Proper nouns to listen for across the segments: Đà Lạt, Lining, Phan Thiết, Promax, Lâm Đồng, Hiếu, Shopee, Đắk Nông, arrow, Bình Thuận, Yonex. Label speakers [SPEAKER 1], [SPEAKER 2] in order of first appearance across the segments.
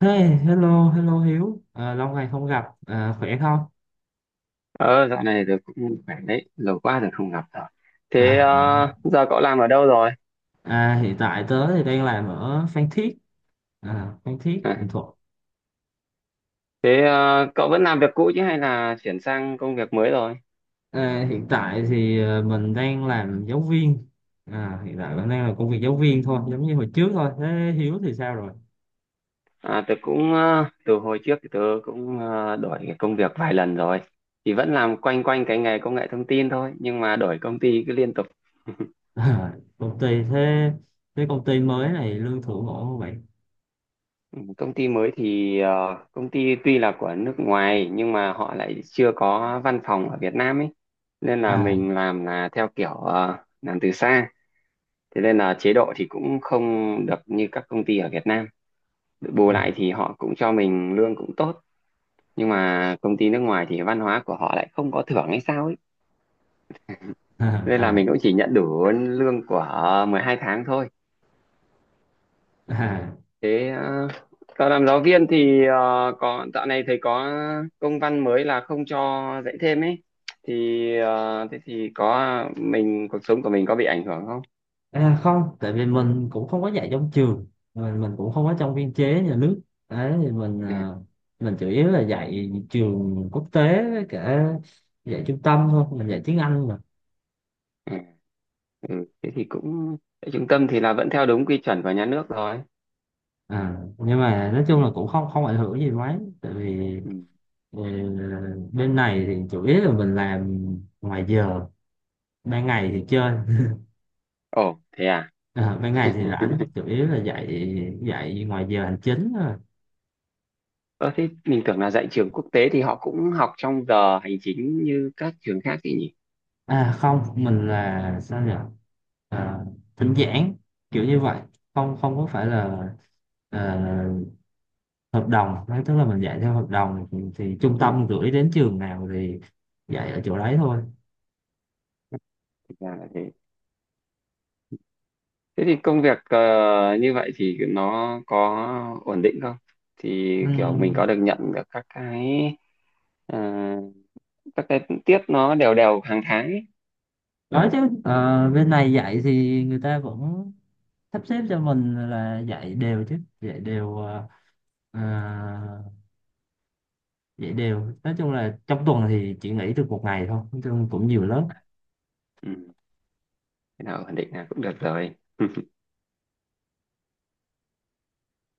[SPEAKER 1] Hey, hello Hiếu, à, lâu ngày không gặp, à, khỏe không?
[SPEAKER 2] Ờ, dạo này tôi cũng khỏe đấy, lâu quá rồi không gặp rồi. Thế
[SPEAKER 1] À,
[SPEAKER 2] giờ cậu làm ở đâu rồi?
[SPEAKER 1] à, hiện tại tớ thì đang làm ở Phan Thiết, à, Phan Thiết,
[SPEAKER 2] À,
[SPEAKER 1] Bình Thuận.
[SPEAKER 2] thế cậu vẫn làm việc cũ chứ hay là chuyển sang công việc mới rồi?
[SPEAKER 1] À, hiện tại thì à, mình đang làm giáo viên, à, hiện tại mình đang làm công việc giáo viên thôi, giống như hồi trước thôi. Thế Hiếu thì sao rồi?
[SPEAKER 2] À, tớ cũng từ hồi trước thì tớ cũng đổi cái công việc vài lần rồi. Thì vẫn làm quanh quanh cái nghề công nghệ thông tin thôi, nhưng mà đổi công ty cứ liên tục.
[SPEAKER 1] À, thế công ty mới này lương thưởng ổn không vậy?
[SPEAKER 2] Ừ, Công ty mới thì công ty tuy là của nước ngoài nhưng mà họ lại chưa có văn phòng ở Việt Nam ấy. Nên là
[SPEAKER 1] À,
[SPEAKER 2] mình làm là theo kiểu làm từ xa. Thế nên là chế độ thì cũng không được như các công ty ở Việt Nam, bù lại thì họ cũng cho mình lương cũng tốt, nhưng mà công ty nước ngoài thì văn hóa của họ lại không có thưởng hay sao ấy,
[SPEAKER 1] à,
[SPEAKER 2] nên là
[SPEAKER 1] à,
[SPEAKER 2] mình cũng chỉ nhận đủ lương của 12 tháng thôi.
[SPEAKER 1] à.
[SPEAKER 2] Thế còn làm giáo viên thì có dạo này thầy có công văn mới là không cho dạy thêm ấy, thì thế thì có mình cuộc sống của mình có bị ảnh hưởng không?
[SPEAKER 1] À không, tại vì mình cũng không có dạy trong trường, mình cũng không có trong biên chế nhà nước. Đấy thì
[SPEAKER 2] Ừ.
[SPEAKER 1] mình chủ yếu là dạy trường quốc tế với cả dạy trung tâm thôi, mình dạy tiếng Anh mà.
[SPEAKER 2] Ừ, ừ, thế thì cũng tại trung tâm thì là vẫn theo đúng quy chuẩn của nhà nước rồi.
[SPEAKER 1] À, nhưng mà nói chung
[SPEAKER 2] Ừ.
[SPEAKER 1] là cũng không không ảnh hưởng gì mấy, tại vì
[SPEAKER 2] Ừ.
[SPEAKER 1] ừ, bên này thì chủ yếu là mình làm ngoài giờ, ban ngày thì chơi.
[SPEAKER 2] Ồ, thế à?
[SPEAKER 1] À, ban ngày thì rảnh, chủ yếu là dạy dạy ngoài giờ hành chính thôi.
[SPEAKER 2] Ờ, thế mình tưởng là dạy trường quốc tế thì họ cũng học trong giờ hành chính như các trường khác thì nhỉ?
[SPEAKER 1] À không, mình là sao nhỉ? À, thỉnh giảng kiểu như vậy, không không có phải là ờ, hợp đồng. Đấy tức là mình dạy theo hợp đồng thì, trung
[SPEAKER 2] Ừ,
[SPEAKER 1] tâm gửi đến trường nào thì dạy ở chỗ đấy thôi.
[SPEAKER 2] thực ra là thế. Thế thì công việc như vậy thì nó có ổn định không? Thì
[SPEAKER 1] Ừ.
[SPEAKER 2] kiểu mình có được nhận được ờ, các cái tiết nó đều đều hàng tháng ấy.
[SPEAKER 1] Đó chứ bên này dạy thì người ta vẫn sắp xếp cho mình là dạy đều chứ, dạy đều ờ, dạy đều. Nói chung là trong tuần thì chỉ nghỉ được một ngày thôi, nói chung cũng nhiều lớp.
[SPEAKER 2] Ừ, thế nào ổn định là cũng được rồi.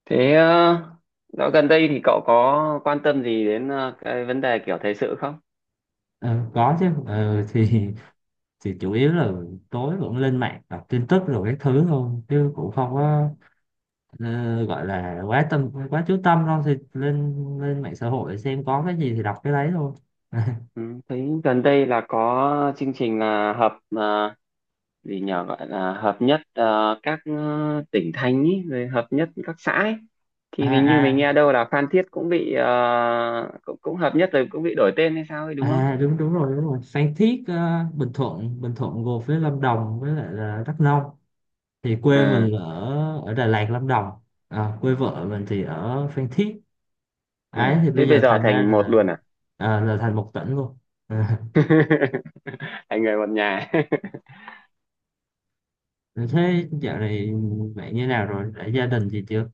[SPEAKER 2] Thế dạo gần đây thì cậu có quan tâm gì đến cái vấn đề kiểu thời sự không?
[SPEAKER 1] Ờ, có chứ. Thì chủ yếu là tối vẫn lên mạng đọc tin tức rồi cái thứ thôi chứ cũng không
[SPEAKER 2] Ừ.
[SPEAKER 1] có gọi là quá chú tâm đâu, thì lên lên mạng xã hội xem có cái gì thì đọc cái đấy thôi. À,
[SPEAKER 2] Ừ, thấy gần đây là có chương trình là gì nhỉ gọi là hợp nhất, à, các tỉnh thành ý, rồi hợp nhất các xã ấy. Thì hình như mình
[SPEAKER 1] à,
[SPEAKER 2] nghe đâu là Phan Thiết cũng bị cũng hợp nhất rồi cũng bị đổi tên hay sao ấy, đúng không?
[SPEAKER 1] à, đúng đúng rồi, đúng rồi. Phan Thiết, Bình Thuận gồm với Lâm Đồng với lại là Đắk Nông, thì quê
[SPEAKER 2] Ừ,
[SPEAKER 1] mình ở ở Đà Lạt Lâm Đồng, à, quê vợ mình thì ở Phan Thiết
[SPEAKER 2] ừ.
[SPEAKER 1] ấy, thì
[SPEAKER 2] Thế
[SPEAKER 1] bây
[SPEAKER 2] bây
[SPEAKER 1] giờ
[SPEAKER 2] giờ
[SPEAKER 1] thành ra
[SPEAKER 2] thành một
[SPEAKER 1] là
[SPEAKER 2] luôn à?
[SPEAKER 1] à, là thành một tỉnh luôn.
[SPEAKER 2] Thành người một nhà.
[SPEAKER 1] Rồi. Thế dạo này bạn như nào rồi? Đã gia đình gì chưa?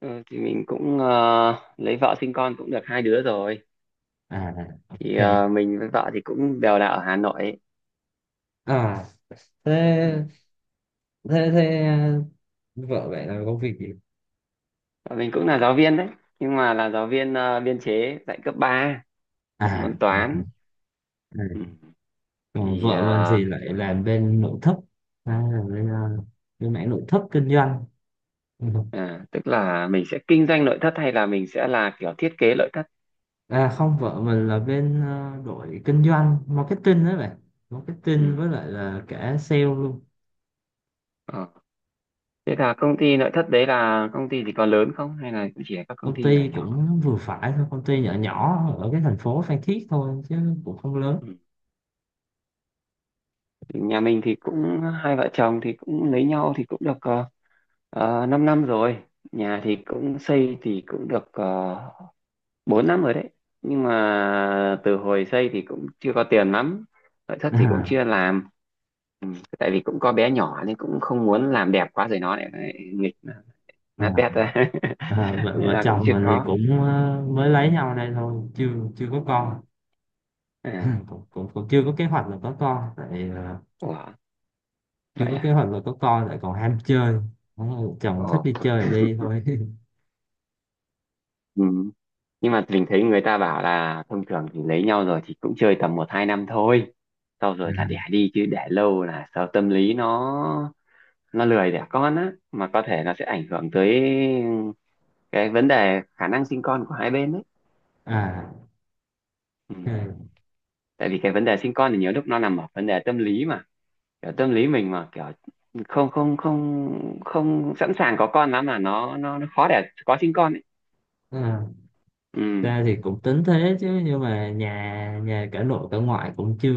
[SPEAKER 2] Ừ, thì mình cũng lấy vợ sinh con cũng được hai đứa rồi.
[SPEAKER 1] À,
[SPEAKER 2] Thì
[SPEAKER 1] ok.
[SPEAKER 2] mình với vợ thì cũng đều là ở Hà Nội ấy.
[SPEAKER 1] À, thế thế thế à, vợ bạn làm công việc gì?
[SPEAKER 2] Và mình cũng là giáo viên đấy, nhưng mà là giáo viên biên chế dạy cấp ba, dạy
[SPEAKER 1] À,
[SPEAKER 2] môn
[SPEAKER 1] à,
[SPEAKER 2] toán. Ừ.
[SPEAKER 1] à. Còn
[SPEAKER 2] Thì
[SPEAKER 1] vợ mình thì lại làm bên nội thất, à, làm bên mảng nội thất kinh doanh. Ừ.
[SPEAKER 2] à, tức là mình sẽ kinh doanh nội thất hay là mình sẽ là kiểu thiết kế nội thất?
[SPEAKER 1] À không, vợ mình là bên đội kinh doanh, marketing đấy bạn. Marketing
[SPEAKER 2] Ừ.
[SPEAKER 1] với lại là cả sale luôn.
[SPEAKER 2] Ờ. Thế là công ty nội thất đấy là công ty thì có lớn không hay là cũng chỉ là các công
[SPEAKER 1] Công
[SPEAKER 2] ty nhỏ
[SPEAKER 1] ty
[SPEAKER 2] nhỏ?
[SPEAKER 1] cũng vừa phải thôi, công ty nhỏ nhỏ ở cái thành phố Phan Thiết thôi chứ cũng không lớn.
[SPEAKER 2] Ừ. Thì nhà mình thì cũng hai vợ chồng thì cũng lấy nhau thì cũng được 5 năm năm rồi. Nhà thì cũng xây thì cũng được 4 năm rồi đấy, nhưng mà từ hồi xây thì cũng chưa có tiền lắm, nội thất thì cũng
[SPEAKER 1] À,
[SPEAKER 2] chưa làm. Ừ. Tại vì cũng có bé nhỏ nên cũng không muốn làm đẹp quá rồi nó lại lại nghịch nát
[SPEAKER 1] à.
[SPEAKER 2] bét ra.
[SPEAKER 1] À,
[SPEAKER 2] Nên
[SPEAKER 1] vợ
[SPEAKER 2] là cũng
[SPEAKER 1] chồng
[SPEAKER 2] chưa
[SPEAKER 1] mình thì
[SPEAKER 2] có.
[SPEAKER 1] cũng mới lấy nhau đây thôi, chưa chưa có con.
[SPEAKER 2] À.
[SPEAKER 1] cũng, cũng cũng chưa có kế hoạch là có con, tại
[SPEAKER 2] Ủa.
[SPEAKER 1] chưa
[SPEAKER 2] Vậy
[SPEAKER 1] có kế
[SPEAKER 2] à?
[SPEAKER 1] hoạch là có con, lại còn ham chơi. Đúng rồi, chồng
[SPEAKER 2] Ồ.
[SPEAKER 1] thích đi chơi thì đi thôi.
[SPEAKER 2] Ừ. Nhưng mà mình thấy người ta bảo là thông thường thì lấy nhau rồi thì cũng chơi tầm một hai năm thôi, sau rồi là đẻ đi chứ để lâu là sợ tâm lý nó lười đẻ con á, mà có thể nó sẽ ảnh hưởng tới cái vấn đề khả năng sinh con của hai bên đấy.
[SPEAKER 1] À,
[SPEAKER 2] Ừ.
[SPEAKER 1] ok.
[SPEAKER 2] Tại vì cái vấn đề sinh con thì nhiều lúc nó nằm ở vấn đề tâm lý mà, kiểu tâm lý mình mà kiểu không không không không sẵn sàng có con lắm, mà nó khó để có sinh con ấy.
[SPEAKER 1] À,
[SPEAKER 2] Ừ.
[SPEAKER 1] ra thì cũng tính thế chứ nhưng mà nhà nhà cả nội cả ngoại cũng chưa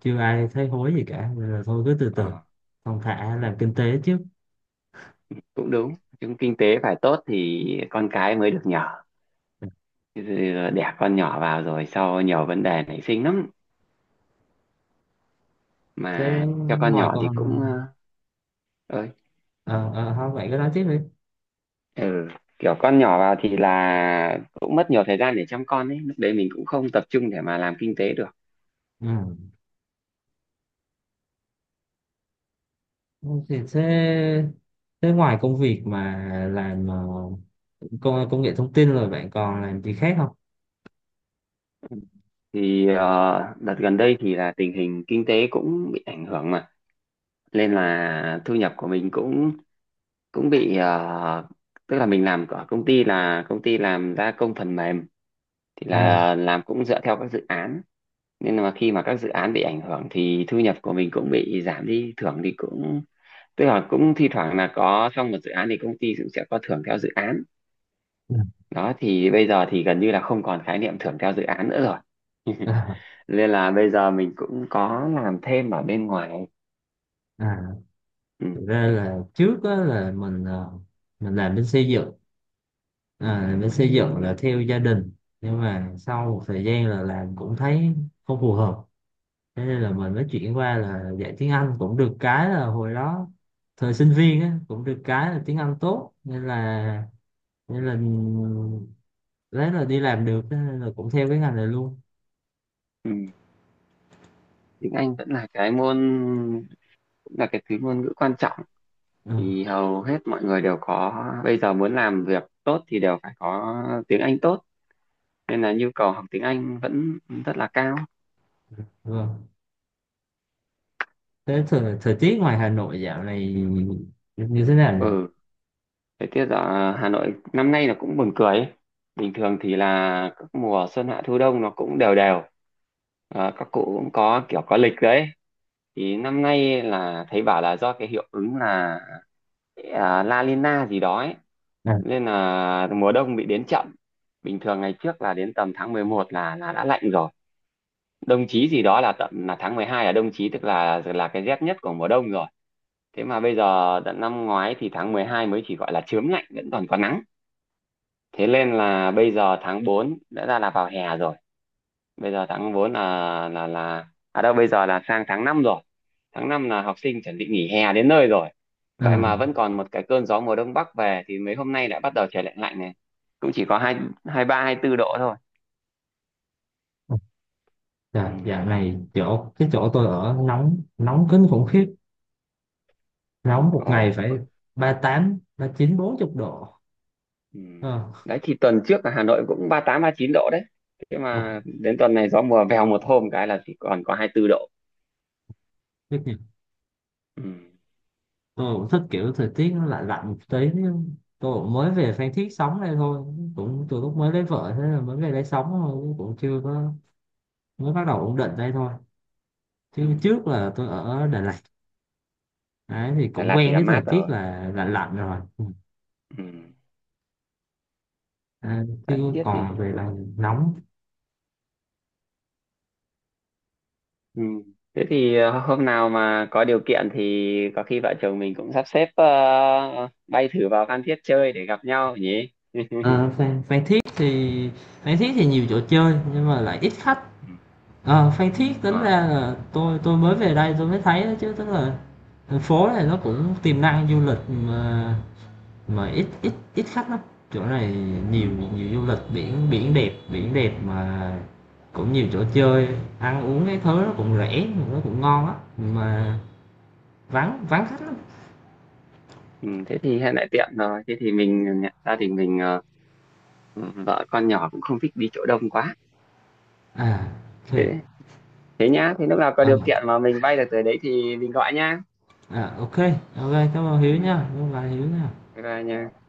[SPEAKER 1] chưa ai thấy hối gì cả, nên là thôi cứ từ từ
[SPEAKER 2] Ờ,
[SPEAKER 1] thong thả làm kinh tế trước.
[SPEAKER 2] cũng đúng, chúng kinh tế phải tốt thì con cái mới được nhỏ. Chứ đẻ con nhỏ vào rồi sau nhiều vấn đề nảy sinh lắm,
[SPEAKER 1] Thế
[SPEAKER 2] mà cho con
[SPEAKER 1] ngoài
[SPEAKER 2] nhỏ thì
[SPEAKER 1] con,
[SPEAKER 2] cũng ơi.
[SPEAKER 1] ờ thôi vậy cứ nói tiếp đi.
[SPEAKER 2] Ừ. Kiểu con nhỏ vào thì là cũng mất nhiều thời gian để chăm con ấy, lúc đấy mình cũng không tập trung để mà làm kinh tế được.
[SPEAKER 1] Ừ. Không thì thế thế ngoài công việc mà làm công công nghệ thông tin rồi bạn còn làm gì khác không?
[SPEAKER 2] Thì đợt gần đây thì là tình hình kinh tế cũng bị ảnh hưởng mà, nên là thu nhập của mình cũng cũng bị tức là mình làm ở công ty là công ty làm gia công phần mềm, thì
[SPEAKER 1] À,
[SPEAKER 2] là làm cũng dựa theo các dự án, nên là khi mà các dự án bị ảnh hưởng thì thu nhập của mình cũng bị giảm đi. Thưởng thì cũng tức là cũng thi thoảng là có trong một dự án thì công ty cũng sẽ có thưởng theo dự án.
[SPEAKER 1] ừ.
[SPEAKER 2] Đó thì bây giờ thì gần như là không còn khái niệm thưởng theo dự án nữa rồi,
[SPEAKER 1] À,
[SPEAKER 2] nên là bây giờ mình cũng có làm thêm ở bên ngoài.
[SPEAKER 1] à,
[SPEAKER 2] Ừ.
[SPEAKER 1] thực ra là trước á là mình làm bên xây dựng, à, làm bên xây dựng là theo gia đình, nhưng mà sau một thời gian là làm cũng thấy không phù hợp, thế nên là mình mới chuyển qua là dạy tiếng Anh. Cũng được cái là hồi đó thời sinh viên á, cũng được cái là tiếng Anh tốt, nên là đấy là đi làm được, thế nên là cũng theo cái ngành này luôn.
[SPEAKER 2] Ừ. Tiếng Anh vẫn là cái môn, cũng là cái thứ ngôn ngữ quan trọng,
[SPEAKER 1] Ừ,
[SPEAKER 2] thì hầu hết mọi người đều có. Bây giờ muốn làm việc tốt thì đều phải có tiếng Anh tốt, nên là nhu cầu học tiếng Anh vẫn rất là cao.
[SPEAKER 1] vâng. Thế thời tiết ngoài Hà Nội dạo này như thế nào nhỉ?
[SPEAKER 2] Ừ. Thời tiết ở Hà Nội năm nay là cũng buồn cười ấy. Bình thường thì là các mùa xuân hạ thu đông nó cũng đều đều. Các cụ cũng có kiểu có lịch đấy. Thì năm nay là thấy bảo là do cái hiệu ứng là La Nina gì đó ấy.
[SPEAKER 1] À,
[SPEAKER 2] Nên là mùa đông bị đến chậm. Bình thường ngày trước là đến tầm tháng 11 là đã lạnh rồi. Đông chí gì đó là tận là tháng 12 là đông chí, tức là cái rét nhất của mùa đông rồi. Thế mà bây giờ tận năm ngoái thì tháng 12 mới chỉ gọi là chớm lạnh, vẫn còn có nắng. Thế nên là bây giờ tháng 4 đã ra là vào hè rồi. Bây giờ tháng 4 là à đâu, bây giờ là sang tháng 5 rồi. Tháng 5 là học sinh chuẩn bị nghỉ hè đến nơi rồi. Vậy
[SPEAKER 1] à,
[SPEAKER 2] mà vẫn còn một cái cơn gió mùa đông bắc về thì mấy hôm nay lại bắt đầu trời lạnh lạnh này, cũng chỉ có hai hai ba hai tư độ thôi. Ừ.
[SPEAKER 1] dạ, dạo này chỗ cái chỗ tôi ở nóng nóng kinh khủng khiếp, nóng một ngày
[SPEAKER 2] Ồ, ừ.
[SPEAKER 1] phải ba ba tám ba chín bốn chục độ.
[SPEAKER 2] Ừ.
[SPEAKER 1] Ờ,
[SPEAKER 2] Đấy thì tuần trước là Hà Nội cũng 38-39 độ đấy, thế
[SPEAKER 1] ôi,
[SPEAKER 2] mà đến tuần này gió mùa vèo một hôm cái là chỉ còn có 24 độ.
[SPEAKER 1] biết nhỉ.
[SPEAKER 2] Ừ.
[SPEAKER 1] Tôi cũng thích kiểu thời tiết nó lạnh lạnh một tí. Tôi cũng mới về Phan Thiết sống đây thôi, cũng từ lúc mới lấy vợ thế là mới về đây sống thôi, cũng chưa có, mới bắt đầu ổn định đây thôi,
[SPEAKER 2] Ừ.
[SPEAKER 1] chứ trước là tôi ở Đà Lạt. Đấy, thì
[SPEAKER 2] Đà
[SPEAKER 1] cũng
[SPEAKER 2] Lạt thì
[SPEAKER 1] quen
[SPEAKER 2] là
[SPEAKER 1] với thời
[SPEAKER 2] mát
[SPEAKER 1] tiết
[SPEAKER 2] rồi.
[SPEAKER 1] là lạnh lạnh rồi. Ừ.
[SPEAKER 2] Ừ.
[SPEAKER 1] À,
[SPEAKER 2] Đã
[SPEAKER 1] chứ
[SPEAKER 2] thiết
[SPEAKER 1] còn
[SPEAKER 2] thì.
[SPEAKER 1] về là nóng.
[SPEAKER 2] Ừ. Thế thì hôm nào mà có điều kiện thì có khi vợ chồng mình cũng sắp xếp bay thử vào Phan Thiết chơi để gặp nhau nhỉ?
[SPEAKER 1] Ờ, Phan Thiết thì nhiều chỗ chơi nhưng mà lại ít khách.
[SPEAKER 2] Ừ.
[SPEAKER 1] Ờ, Phan Thiết tính ra
[SPEAKER 2] À,
[SPEAKER 1] là tôi mới về đây tôi mới thấy đó chứ, tức là thành phố này nó cũng tiềm năng du lịch mà, ít ít ít khách lắm chỗ này. Nhiều
[SPEAKER 2] ừ,
[SPEAKER 1] nhiều du lịch biển, biển đẹp, biển đẹp mà, cũng nhiều chỗ chơi, ăn uống cái thứ
[SPEAKER 2] ừ,
[SPEAKER 1] nó cũng rẻ nó cũng ngon á mà, vắng vắng khách lắm.
[SPEAKER 2] ừ, thế thì hiện tại tiện rồi. Thế thì mình gia đình mình ừ, vợ con nhỏ cũng không thích đi chỗ đông quá.
[SPEAKER 1] À, OK.
[SPEAKER 2] Thế, thế nhá. Thế lúc nào có
[SPEAKER 1] À,
[SPEAKER 2] điều kiện mà mình bay được tới đấy thì mình gọi nhá.
[SPEAKER 1] à, OK, OK, cảm ơn Hiếu
[SPEAKER 2] Ừ,
[SPEAKER 1] nha, cảm ơn bạn Hiếu nha.
[SPEAKER 2] bye bye nha.